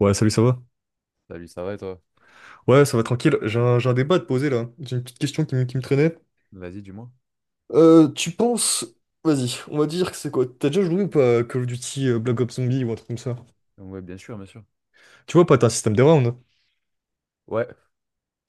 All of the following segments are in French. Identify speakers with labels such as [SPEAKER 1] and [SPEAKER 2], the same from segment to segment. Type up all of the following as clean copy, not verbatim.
[SPEAKER 1] Ouais, salut, ça va?
[SPEAKER 2] Salut, ça va et toi?
[SPEAKER 1] Ouais, ça va tranquille. J'ai un débat à te poser là. J'ai une petite question qui me traînait.
[SPEAKER 2] Vas-y, dis-moi.
[SPEAKER 1] Tu penses. Vas-y, on va dire que c'est quoi? T'as déjà joué ou pas à Call of Duty Black Ops Zombie ou un truc comme ça?
[SPEAKER 2] Ouais, bien sûr, bien sûr.
[SPEAKER 1] Tu vois, pas, t'as un système de rounds.
[SPEAKER 2] Ouais.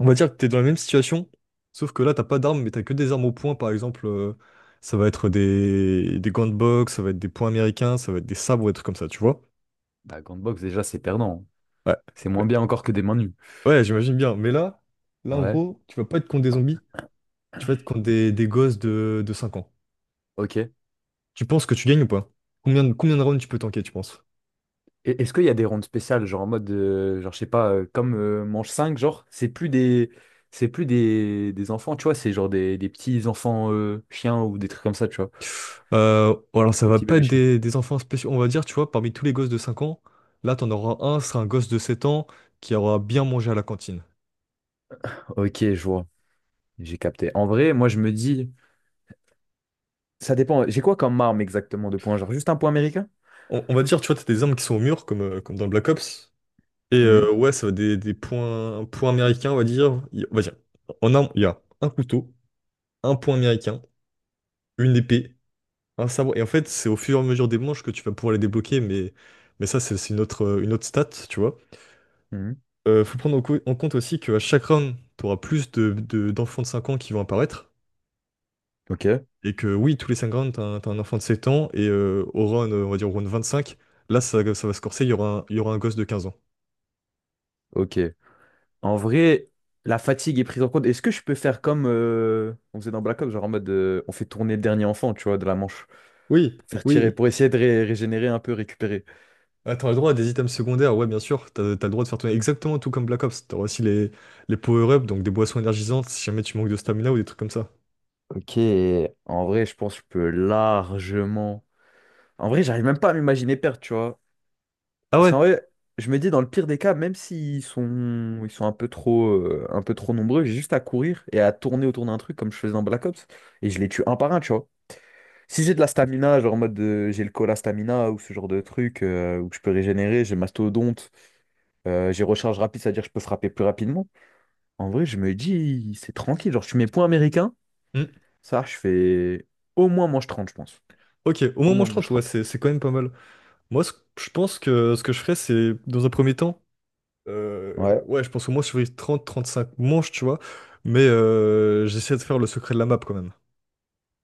[SPEAKER 1] On va dire que t'es dans la même situation, sauf que là, t'as pas d'armes, mais t'as que des armes au point, par exemple. Ça va être des gants de boxe, ça va être des poings américains, ça va être des sabres ou des trucs comme ça, tu vois?
[SPEAKER 2] Bah, Gantbox, déjà, c'est perdant, hein.
[SPEAKER 1] Ouais,
[SPEAKER 2] C'est moins
[SPEAKER 1] ben,
[SPEAKER 2] bien encore que des mains nues.
[SPEAKER 1] ouais, j'imagine bien. Mais là, en
[SPEAKER 2] Ouais,
[SPEAKER 1] gros, tu vas pas être contre des zombies, tu vas être contre des gosses de 5 ans.
[SPEAKER 2] ok.
[SPEAKER 1] Tu penses que tu gagnes ou pas? Combien de rounds tu peux tanker, tu penses?
[SPEAKER 2] Et est-ce qu'il y a des rondes spéciales, genre en mode, genre, je sais pas, comme manche 5, genre, c'est plus des enfants, tu vois, c'est genre des petits enfants chiens ou des trucs comme ça, tu vois.
[SPEAKER 1] Alors ça
[SPEAKER 2] Des
[SPEAKER 1] va
[SPEAKER 2] petits
[SPEAKER 1] pas
[SPEAKER 2] bébés
[SPEAKER 1] être
[SPEAKER 2] chiens.
[SPEAKER 1] des enfants spéciaux, on va dire, tu vois, parmi tous les gosses de 5 ans, là t'en auras un, ce sera un gosse de 7 ans qui aura bien mangé à la cantine.
[SPEAKER 2] Ok, je vois. J'ai capté. En vrai, moi, je me dis, ça dépend. J'ai quoi comme arme exactement de points? Genre, juste un point américain?
[SPEAKER 1] On va dire, tu vois, t'as des armes qui sont au mur, comme, comme dans Black Ops, et
[SPEAKER 2] Mhm,
[SPEAKER 1] ouais, ça va être des points, points américains, on va dire. On va dire, en armes, il y a un couteau, un point américain, une épée, un sabre, et en fait, c'est au fur et à mesure des manches que tu vas pouvoir les débloquer, mais ça, c'est une autre stat, tu vois.
[SPEAKER 2] mhm.
[SPEAKER 1] Faut prendre en compte aussi qu'à chaque round, tu auras plus d'enfants de 5 ans qui vont apparaître.
[SPEAKER 2] Ok,
[SPEAKER 1] Et que oui, tous les 5 rounds, tu un t'as un enfant de 7 ans. Et on va dire au round cinq là, ça va se corser, il y aura un gosse de quinze ans.
[SPEAKER 2] ok. En vrai, la fatigue est prise en compte. Est-ce que je peux faire comme on faisait dans Black Ops, genre en mode on fait tourner le dernier enfant, tu vois, de la manche,
[SPEAKER 1] Oui,
[SPEAKER 2] pour faire tirer,
[SPEAKER 1] oui.
[SPEAKER 2] pour essayer de régénérer un peu, récupérer.
[SPEAKER 1] Ah, t'auras le droit à des items secondaires, ouais, bien sûr. T'as le droit de faire tourner exactement tout comme Black Ops. T'auras aussi les power-ups, donc des boissons énergisantes si jamais tu manques de stamina ou des trucs comme ça.
[SPEAKER 2] Ok, en vrai, je pense que je peux largement. En vrai, j'arrive même pas à m'imaginer perdre, tu vois.
[SPEAKER 1] Ah
[SPEAKER 2] Parce qu'en
[SPEAKER 1] ouais?
[SPEAKER 2] vrai, je me dis dans le pire des cas, même s'ils sont un peu trop nombreux, j'ai juste à courir et à tourner autour d'un truc comme je faisais dans Black Ops et je les tue un par un, tu vois. Si j'ai de la stamina, genre en mode j'ai le cola stamina ou ce genre de truc où je peux régénérer, j'ai mastodonte, j'ai recharge rapide, c'est-à-dire que je peux frapper plus rapidement. En vrai, je me dis, c'est tranquille. Genre, je suis mes points américains,
[SPEAKER 1] Hmm.
[SPEAKER 2] ça, je fais au moins manche 30, je pense.
[SPEAKER 1] Ok, au
[SPEAKER 2] Au
[SPEAKER 1] moment où
[SPEAKER 2] moins
[SPEAKER 1] je
[SPEAKER 2] manche
[SPEAKER 1] 30, ouais,
[SPEAKER 2] 30.
[SPEAKER 1] c'est quand même pas mal. Moi, ce- je pense que ce que je ferais, c'est, dans un premier temps,
[SPEAKER 2] Ouais.
[SPEAKER 1] ouais, je pense au moins sur les trente cinq manches, tu vois. Mais j'essaie de faire le secret de la map quand même.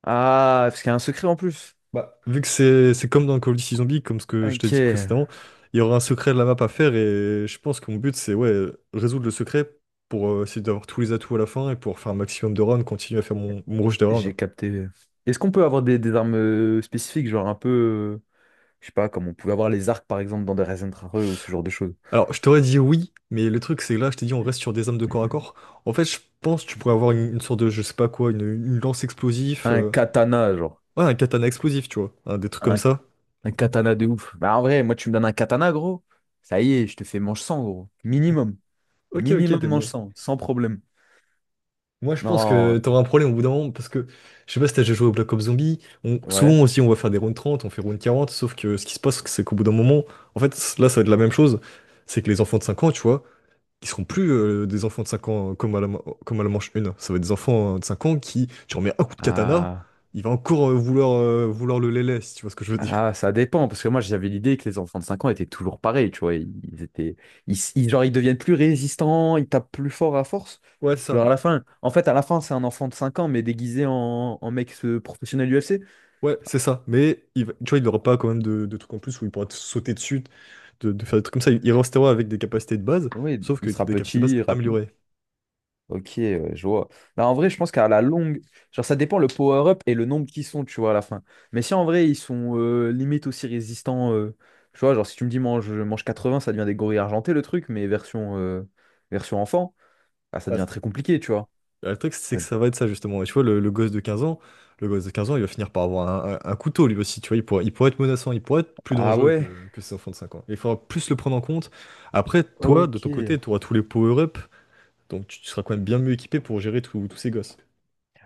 [SPEAKER 2] Ah, parce qu'il y a un secret en plus.
[SPEAKER 1] Bah, vu que c'est comme dans Call of Duty Zombies, comme ce que je t'ai
[SPEAKER 2] Ok,
[SPEAKER 1] dit précédemment, il y aura un secret de la map à faire et je pense que mon but c'est ouais, résoudre le secret pour essayer d'avoir tous les atouts à la fin et pour faire un maximum de rounds, continuer à faire mon rush de rounds.
[SPEAKER 2] j'ai capté. Est-ce qu'on peut avoir des armes spécifiques, genre un peu, je sais pas, comme on pouvait avoir les arcs par exemple dans des Rare ou ce genre de choses?
[SPEAKER 1] Alors, je t'aurais dit oui, mais le truc c'est que là, je t'ai dit on reste sur des armes de corps à corps. En fait, je pense que tu pourrais avoir une sorte de, je sais pas quoi, une lance explosif,
[SPEAKER 2] Un katana, genre.
[SPEAKER 1] ouais, un katana explosif, tu vois, hein, des trucs comme
[SPEAKER 2] Un
[SPEAKER 1] ça.
[SPEAKER 2] Un katana de ouf. Bah, en vrai, moi, tu me donnes un katana, gros. Ça y est, je te fais manche 100 gros. Minimum.
[SPEAKER 1] Ok, ok,
[SPEAKER 2] Minimum
[SPEAKER 1] t'es
[SPEAKER 2] manche
[SPEAKER 1] bon.
[SPEAKER 2] 100, sans problème.
[SPEAKER 1] Moi, je pense
[SPEAKER 2] Non,
[SPEAKER 1] que t'auras un problème au bout d'un moment parce que je sais pas si t'as déjà joué au Black Ops Zombie. On,
[SPEAKER 2] ouais.
[SPEAKER 1] souvent aussi, on va faire des rounds 30, on fait round 40. Sauf que ce qui se passe, c'est qu'au bout d'un moment, en fait, ça va être la même chose. C'est que les enfants de 5 ans, tu vois, ils seront plus des enfants de 5 ans comme à la manche une. Ça va être des enfants de 5 ans qui, tu remets un coup de katana,
[SPEAKER 2] Ah,
[SPEAKER 1] il va encore vouloir le lélé, si tu vois ce que je veux dire.
[SPEAKER 2] ah, ça dépend. Parce que moi, j'avais l'idée que les enfants de 5 ans étaient toujours pareils, tu vois. Ils étaient. Genre, ils deviennent plus résistants, ils tapent plus fort à force.
[SPEAKER 1] Ouais, c'est
[SPEAKER 2] Genre,
[SPEAKER 1] ça.
[SPEAKER 2] à la fin. En fait, à la fin, c'est un enfant de 5 ans, mais déguisé en mec professionnel UFC.
[SPEAKER 1] Ouais, c'est ça. Mais tu vois, il n'aura pas quand même de trucs en plus où il pourra te sauter dessus, de faire des trucs comme ça. Il restera avec des capacités de base,
[SPEAKER 2] Oui,
[SPEAKER 1] sauf que
[SPEAKER 2] il sera
[SPEAKER 1] des capacités de base
[SPEAKER 2] petit, rapide.
[SPEAKER 1] améliorées.
[SPEAKER 2] Ok, ouais, je vois. Bah, en vrai, je pense qu'à la longue, genre ça dépend le power-up et le nombre qu'ils sont, tu vois, à la fin. Mais si en vrai, ils sont limite aussi résistants, tu vois, genre si tu me dis mange, mange 80, ça devient des gorilles argentés le truc, mais version enfant, ah, ça
[SPEAKER 1] Ah,
[SPEAKER 2] devient
[SPEAKER 1] c'est-
[SPEAKER 2] très compliqué, tu vois.
[SPEAKER 1] Le truc, c'est que ça va être ça, justement. Et tu vois, le gosse de 15 ans, le gosse de 15 ans, il va finir par avoir un couteau, lui aussi. Tu vois, il pourra être menaçant, il pourra être plus
[SPEAKER 2] Ah
[SPEAKER 1] dangereux
[SPEAKER 2] ouais,
[SPEAKER 1] que ses enfants de 5 ans. Il faudra plus le prendre en compte. Après, toi, de
[SPEAKER 2] ok.
[SPEAKER 1] ton côté, tu auras tous les power-up, donc tu seras quand même bien mieux équipé pour gérer tous ces gosses.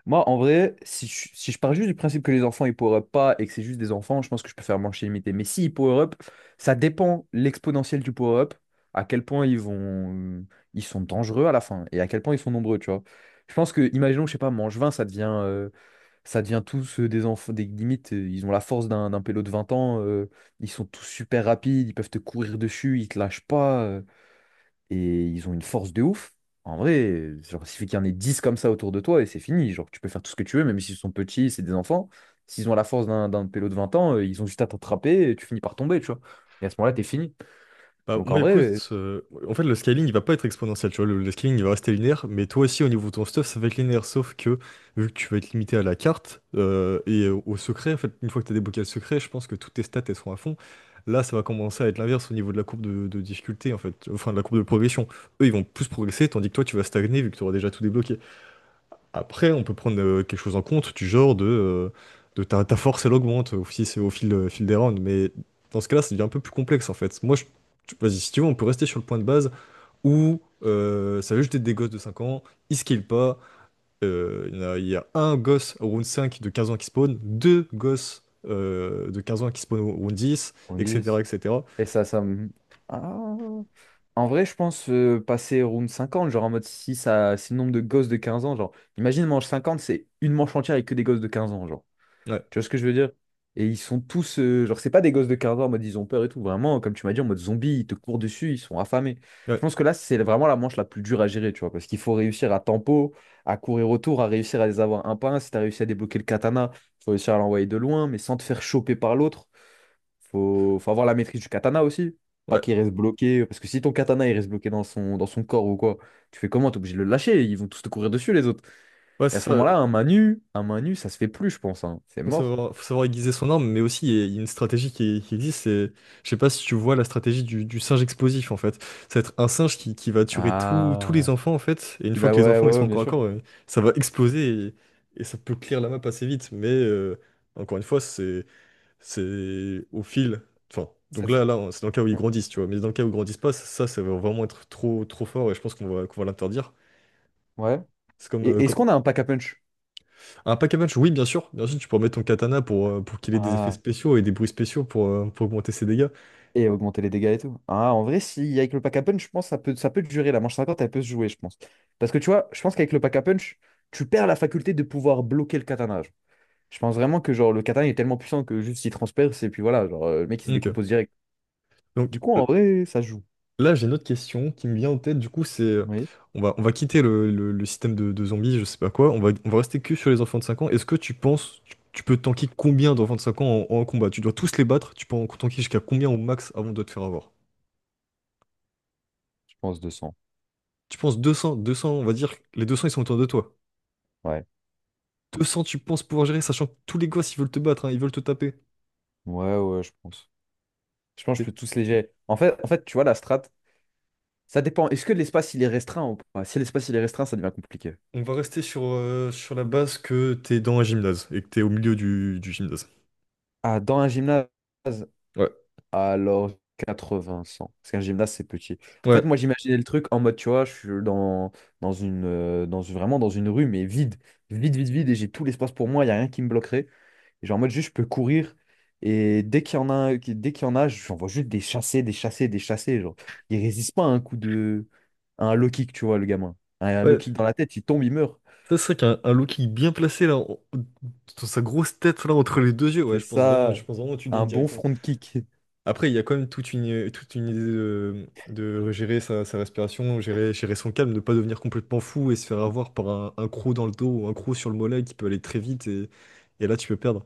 [SPEAKER 2] Moi, en vrai, si je pars juste du principe que les enfants ils power up pas et que c'est juste des enfants, je pense que je peux faire manche illimitée. Mais si ils power up, ça dépend l'exponentielle du power up, à quel point euh, ils sont dangereux à la fin et à quel point ils sont nombreux, tu vois. Je pense que, imaginons, je sais pas, manche 20 ça devient tous des enfants, des limites, ils ont la force d'un pélo de 20 ans, ils sont tous super rapides, ils peuvent te courir dessus, ils te lâchent pas. Et ils ont une force de ouf. En vrai, genre, il suffit qu'il y en ait 10 comme ça autour de toi et c'est fini. Genre, tu peux faire tout ce que tu veux, même s'ils sont petits, c'est des enfants. S'ils ont la force d'un pélo de 20 ans, ils ont juste à t'attraper et tu finis par tomber, tu vois. Et à ce moment-là, t'es fini.
[SPEAKER 1] Bah,
[SPEAKER 2] Donc
[SPEAKER 1] moi,
[SPEAKER 2] en vrai, euh,
[SPEAKER 1] écoute, en fait, le scaling, il va pas être exponentiel, tu vois. Le scaling, il va rester linéaire, mais toi aussi, au niveau de ton stuff, ça va être linéaire, sauf que, vu que tu vas être limité à la carte et au secret, en fait, une fois que tu as débloqué le secret, je pense que toutes tes stats, elles sont à fond. Là, ça va commencer à être l'inverse au niveau de la courbe de difficulté, en fait, enfin, de la courbe de progression. Eux, ils vont plus progresser, tandis que toi, tu vas stagner, vu que tu auras déjà tout débloqué. Après, on peut prendre quelque chose en compte du genre de ta force, elle augmente aussi c'est au fil, fil des rounds. Mais dans ce cas-là, ça devient un peu plus complexe en fait. Moi, je... vas-y, si tu veux, on peut rester sur le point de base où ça veut jeter des gosses de cinq ans, ils skillent pas. Il y a un gosse au round 5 de 15 ans qui spawn, deux gosses de 15 ans qui spawn au round 10,
[SPEAKER 2] On dit.
[SPEAKER 1] etc. etc.
[SPEAKER 2] et ça, ça me- Ah. En vrai, je pense passer round 50, genre en mode si ça, c'est le nombre de gosses de 15 ans, genre, imagine manche 50, c'est une manche entière avec que des gosses de 15 ans, genre.
[SPEAKER 1] Ouais,
[SPEAKER 2] Tu vois ce que je veux dire? Et ils sont tous, genre, c'est pas des gosses de 15 ans en mode ils ont peur et tout. Vraiment, comme tu m'as dit, en mode zombie, ils te courent dessus, ils sont affamés. Je
[SPEAKER 1] ouais,
[SPEAKER 2] pense que là, c'est vraiment la manche la plus dure à gérer, tu vois, parce qu'il faut réussir à tempo, à courir autour, à réussir à les avoir un par un. Si t'as réussi à débloquer le katana, faut réussir à l'envoyer de loin, mais sans te faire choper par l'autre. Faut avoir la maîtrise du katana aussi. Pas
[SPEAKER 1] ouais,
[SPEAKER 2] qu'il reste bloqué, parce que si ton katana il reste bloqué dans son corps ou quoi, tu fais comment? T'es obligé de le lâcher, ils vont tous te courir dessus les autres.
[SPEAKER 1] ouais,
[SPEAKER 2] Et à
[SPEAKER 1] c'est
[SPEAKER 2] ce
[SPEAKER 1] ça.
[SPEAKER 2] moment-là, un main nue, ça se fait plus, je pense, hein. C'est mort.
[SPEAKER 1] Faut savoir aiguiser son arme, mais aussi il y a une stratégie qui existe. C'est, je sais pas si tu vois la stratégie du singe explosif en fait. Ça va être un singe qui va tuer tous les
[SPEAKER 2] Ah,
[SPEAKER 1] enfants en fait. Et une
[SPEAKER 2] qui
[SPEAKER 1] fois
[SPEAKER 2] va,
[SPEAKER 1] que les
[SPEAKER 2] ouais,
[SPEAKER 1] enfants ils
[SPEAKER 2] ouais, ouais,
[SPEAKER 1] seront
[SPEAKER 2] bien
[SPEAKER 1] encore à
[SPEAKER 2] sûr.
[SPEAKER 1] corps, ça va exploser et ça peut clear la map assez vite. Mais encore une fois, c'est au fil. Enfin,
[SPEAKER 2] Ça-
[SPEAKER 1] donc c'est dans le cas où ils grandissent, tu vois. Mais dans le cas où ils grandissent pas, ça va vraiment être trop fort et je pense qu'on va l'interdire.
[SPEAKER 2] ouais.
[SPEAKER 1] C'est comme,
[SPEAKER 2] Et est-ce
[SPEAKER 1] comme
[SPEAKER 2] qu'on a un pack à punch?
[SPEAKER 1] un pack à punch, oui, bien sûr. Bien sûr, tu peux remettre ton katana pour qu'il ait des effets
[SPEAKER 2] Ah,
[SPEAKER 1] spéciaux et des bruits spéciaux pour augmenter ses dégâts.
[SPEAKER 2] et augmenter les dégâts et tout. Ah, en vrai, si avec le pack à punch, je pense que ça peut durer. La manche 50 elle peut se jouer, je pense. Parce que tu vois, je pense qu'avec le pack à punch, tu perds la faculté de pouvoir bloquer le katana, genre. Je pense vraiment que genre le katana est tellement puissant que juste il transperce et puis voilà, genre le mec il se
[SPEAKER 1] Ok.
[SPEAKER 2] décompose direct. Du
[SPEAKER 1] Donc
[SPEAKER 2] coup,
[SPEAKER 1] l-
[SPEAKER 2] en vrai, ça se joue.
[SPEAKER 1] j'ai une autre question qui me vient en tête. Du coup, c'est.
[SPEAKER 2] Oui,
[SPEAKER 1] On va, on va quitter le système de zombies, je sais pas quoi. On va rester que sur les enfants de 5 ans. Est-ce que tu penses. Tu peux tanker combien d'enfants de 5 ans en combat? Tu dois tous les battre. Tu peux en tanker jusqu'à combien au max avant de te faire avoir?
[SPEAKER 2] je pense 200.
[SPEAKER 1] Tu penses deux cents, on va dire. Les 200 ils sont autour de toi.
[SPEAKER 2] Ouais.
[SPEAKER 1] 200 tu penses pouvoir gérer, sachant que tous les gosses, ils veulent te battre, hein, ils veulent te taper.
[SPEAKER 2] Ouais, ouais, je pense. Je pense que je peux tous les gérer. En fait, tu vois, la strat. Ça dépend. Est-ce que l'espace il est restreint ou pas? Si l'espace il est restreint, ça devient compliqué.
[SPEAKER 1] On va rester sur, sur la base que t'es dans un gymnase et que t'es au milieu du gymnase.
[SPEAKER 2] Ah, dans un gymnase,
[SPEAKER 1] Ouais,
[SPEAKER 2] alors 80, 100. Parce qu'un gymnase, c'est petit. En fait,
[SPEAKER 1] ouais,
[SPEAKER 2] moi, j'imaginais le truc en mode, tu vois, je suis vraiment dans une rue, mais vide. Vide, vide, vide. Et j'ai tout l'espace pour moi. Il n'y a rien qui me bloquerait. Et genre, en mode, juste, je peux courir. Et dès qu'il y en a, j'en vois juste des chassés, des chassés, des chassés. Genre, il résiste pas à un coup de. À un low kick, tu vois, le gamin. À un low
[SPEAKER 1] ouais.
[SPEAKER 2] kick dans la tête, il tombe, il meurt.
[SPEAKER 1] Ça serait qu'un un Loki bien placé dans sa grosse tête là entre les deux yeux, ouais,
[SPEAKER 2] C'est ça,
[SPEAKER 1] je pense vraiment que tu gagnes
[SPEAKER 2] un bon
[SPEAKER 1] directement.
[SPEAKER 2] front kick.
[SPEAKER 1] Après, il y a quand même toute une idée de gérer sa respiration, gérer son calme, ne pas devenir complètement fou et se faire avoir par un croc dans le dos ou un croc sur le mollet qui peut aller très vite et là tu peux perdre.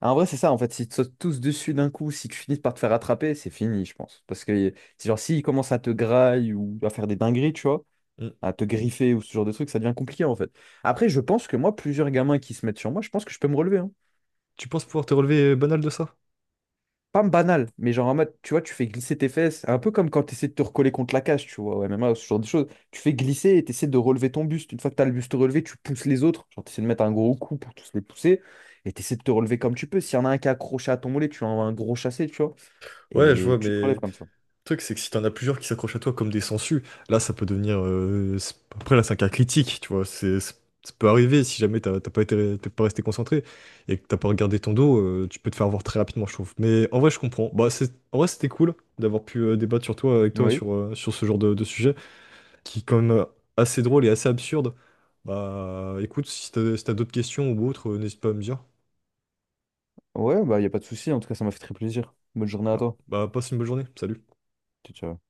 [SPEAKER 2] Ah, en vrai, c'est ça, en fait. S'ils te sautent tous dessus d'un coup, si tu finis par te faire attraper, c'est fini, je pense. Parce que, c'est genre, s'ils commencent à te grailler ou à faire des dingueries, tu vois,
[SPEAKER 1] Mm.
[SPEAKER 2] à te griffer ou ce genre de truc, ça devient compliqué, en fait. Après, je pense que moi, plusieurs gamins qui se mettent sur moi, je pense que je peux me relever, hein.
[SPEAKER 1] Tu penses pouvoir te relever banal de ça?
[SPEAKER 2] Pas banal, mais genre en mode, tu vois, tu fais glisser tes fesses, un peu comme quand tu essaies de te recoller contre la cage, tu vois, au MMA, ce genre de choses. Tu fais glisser et tu essaies de relever ton buste. Une fois que tu as le buste relevé, tu pousses les autres. Genre, tu essaies de mettre un gros coup pour tous les pousser et tu essaies de te relever comme tu peux. S'il y en a un qui est accroché à ton mollet, tu envoies un gros chassé, tu vois,
[SPEAKER 1] Ouais, je
[SPEAKER 2] et
[SPEAKER 1] vois, mais.
[SPEAKER 2] tu te relèves
[SPEAKER 1] Le
[SPEAKER 2] comme ça.
[SPEAKER 1] truc, c'est que si t'en as plusieurs qui s'accrochent à toi comme des sangsues, là, ça peut devenir. Après, là, c'est un cas critique, tu vois. Ça peut arriver si jamais t'as pas été, t'es pas resté concentré et que t'as pas regardé ton dos, tu peux te faire avoir très rapidement, je trouve. Mais en vrai, je comprends. Bah, c'est, en vrai, c'était cool d'avoir pu avec toi,
[SPEAKER 2] Oui,
[SPEAKER 1] sur, sur ce genre de sujet qui est quand même assez drôle et assez absurde. Bah, écoute, si t'as d'autres questions ou autres, n'hésite pas à me dire.
[SPEAKER 2] ouais, bah, y a pas de souci. En tout cas, ça m'a fait très plaisir. Bonne journée à
[SPEAKER 1] Super.
[SPEAKER 2] toi.
[SPEAKER 1] Bah, passe une bonne journée. Salut.
[SPEAKER 2] Ciao, ciao.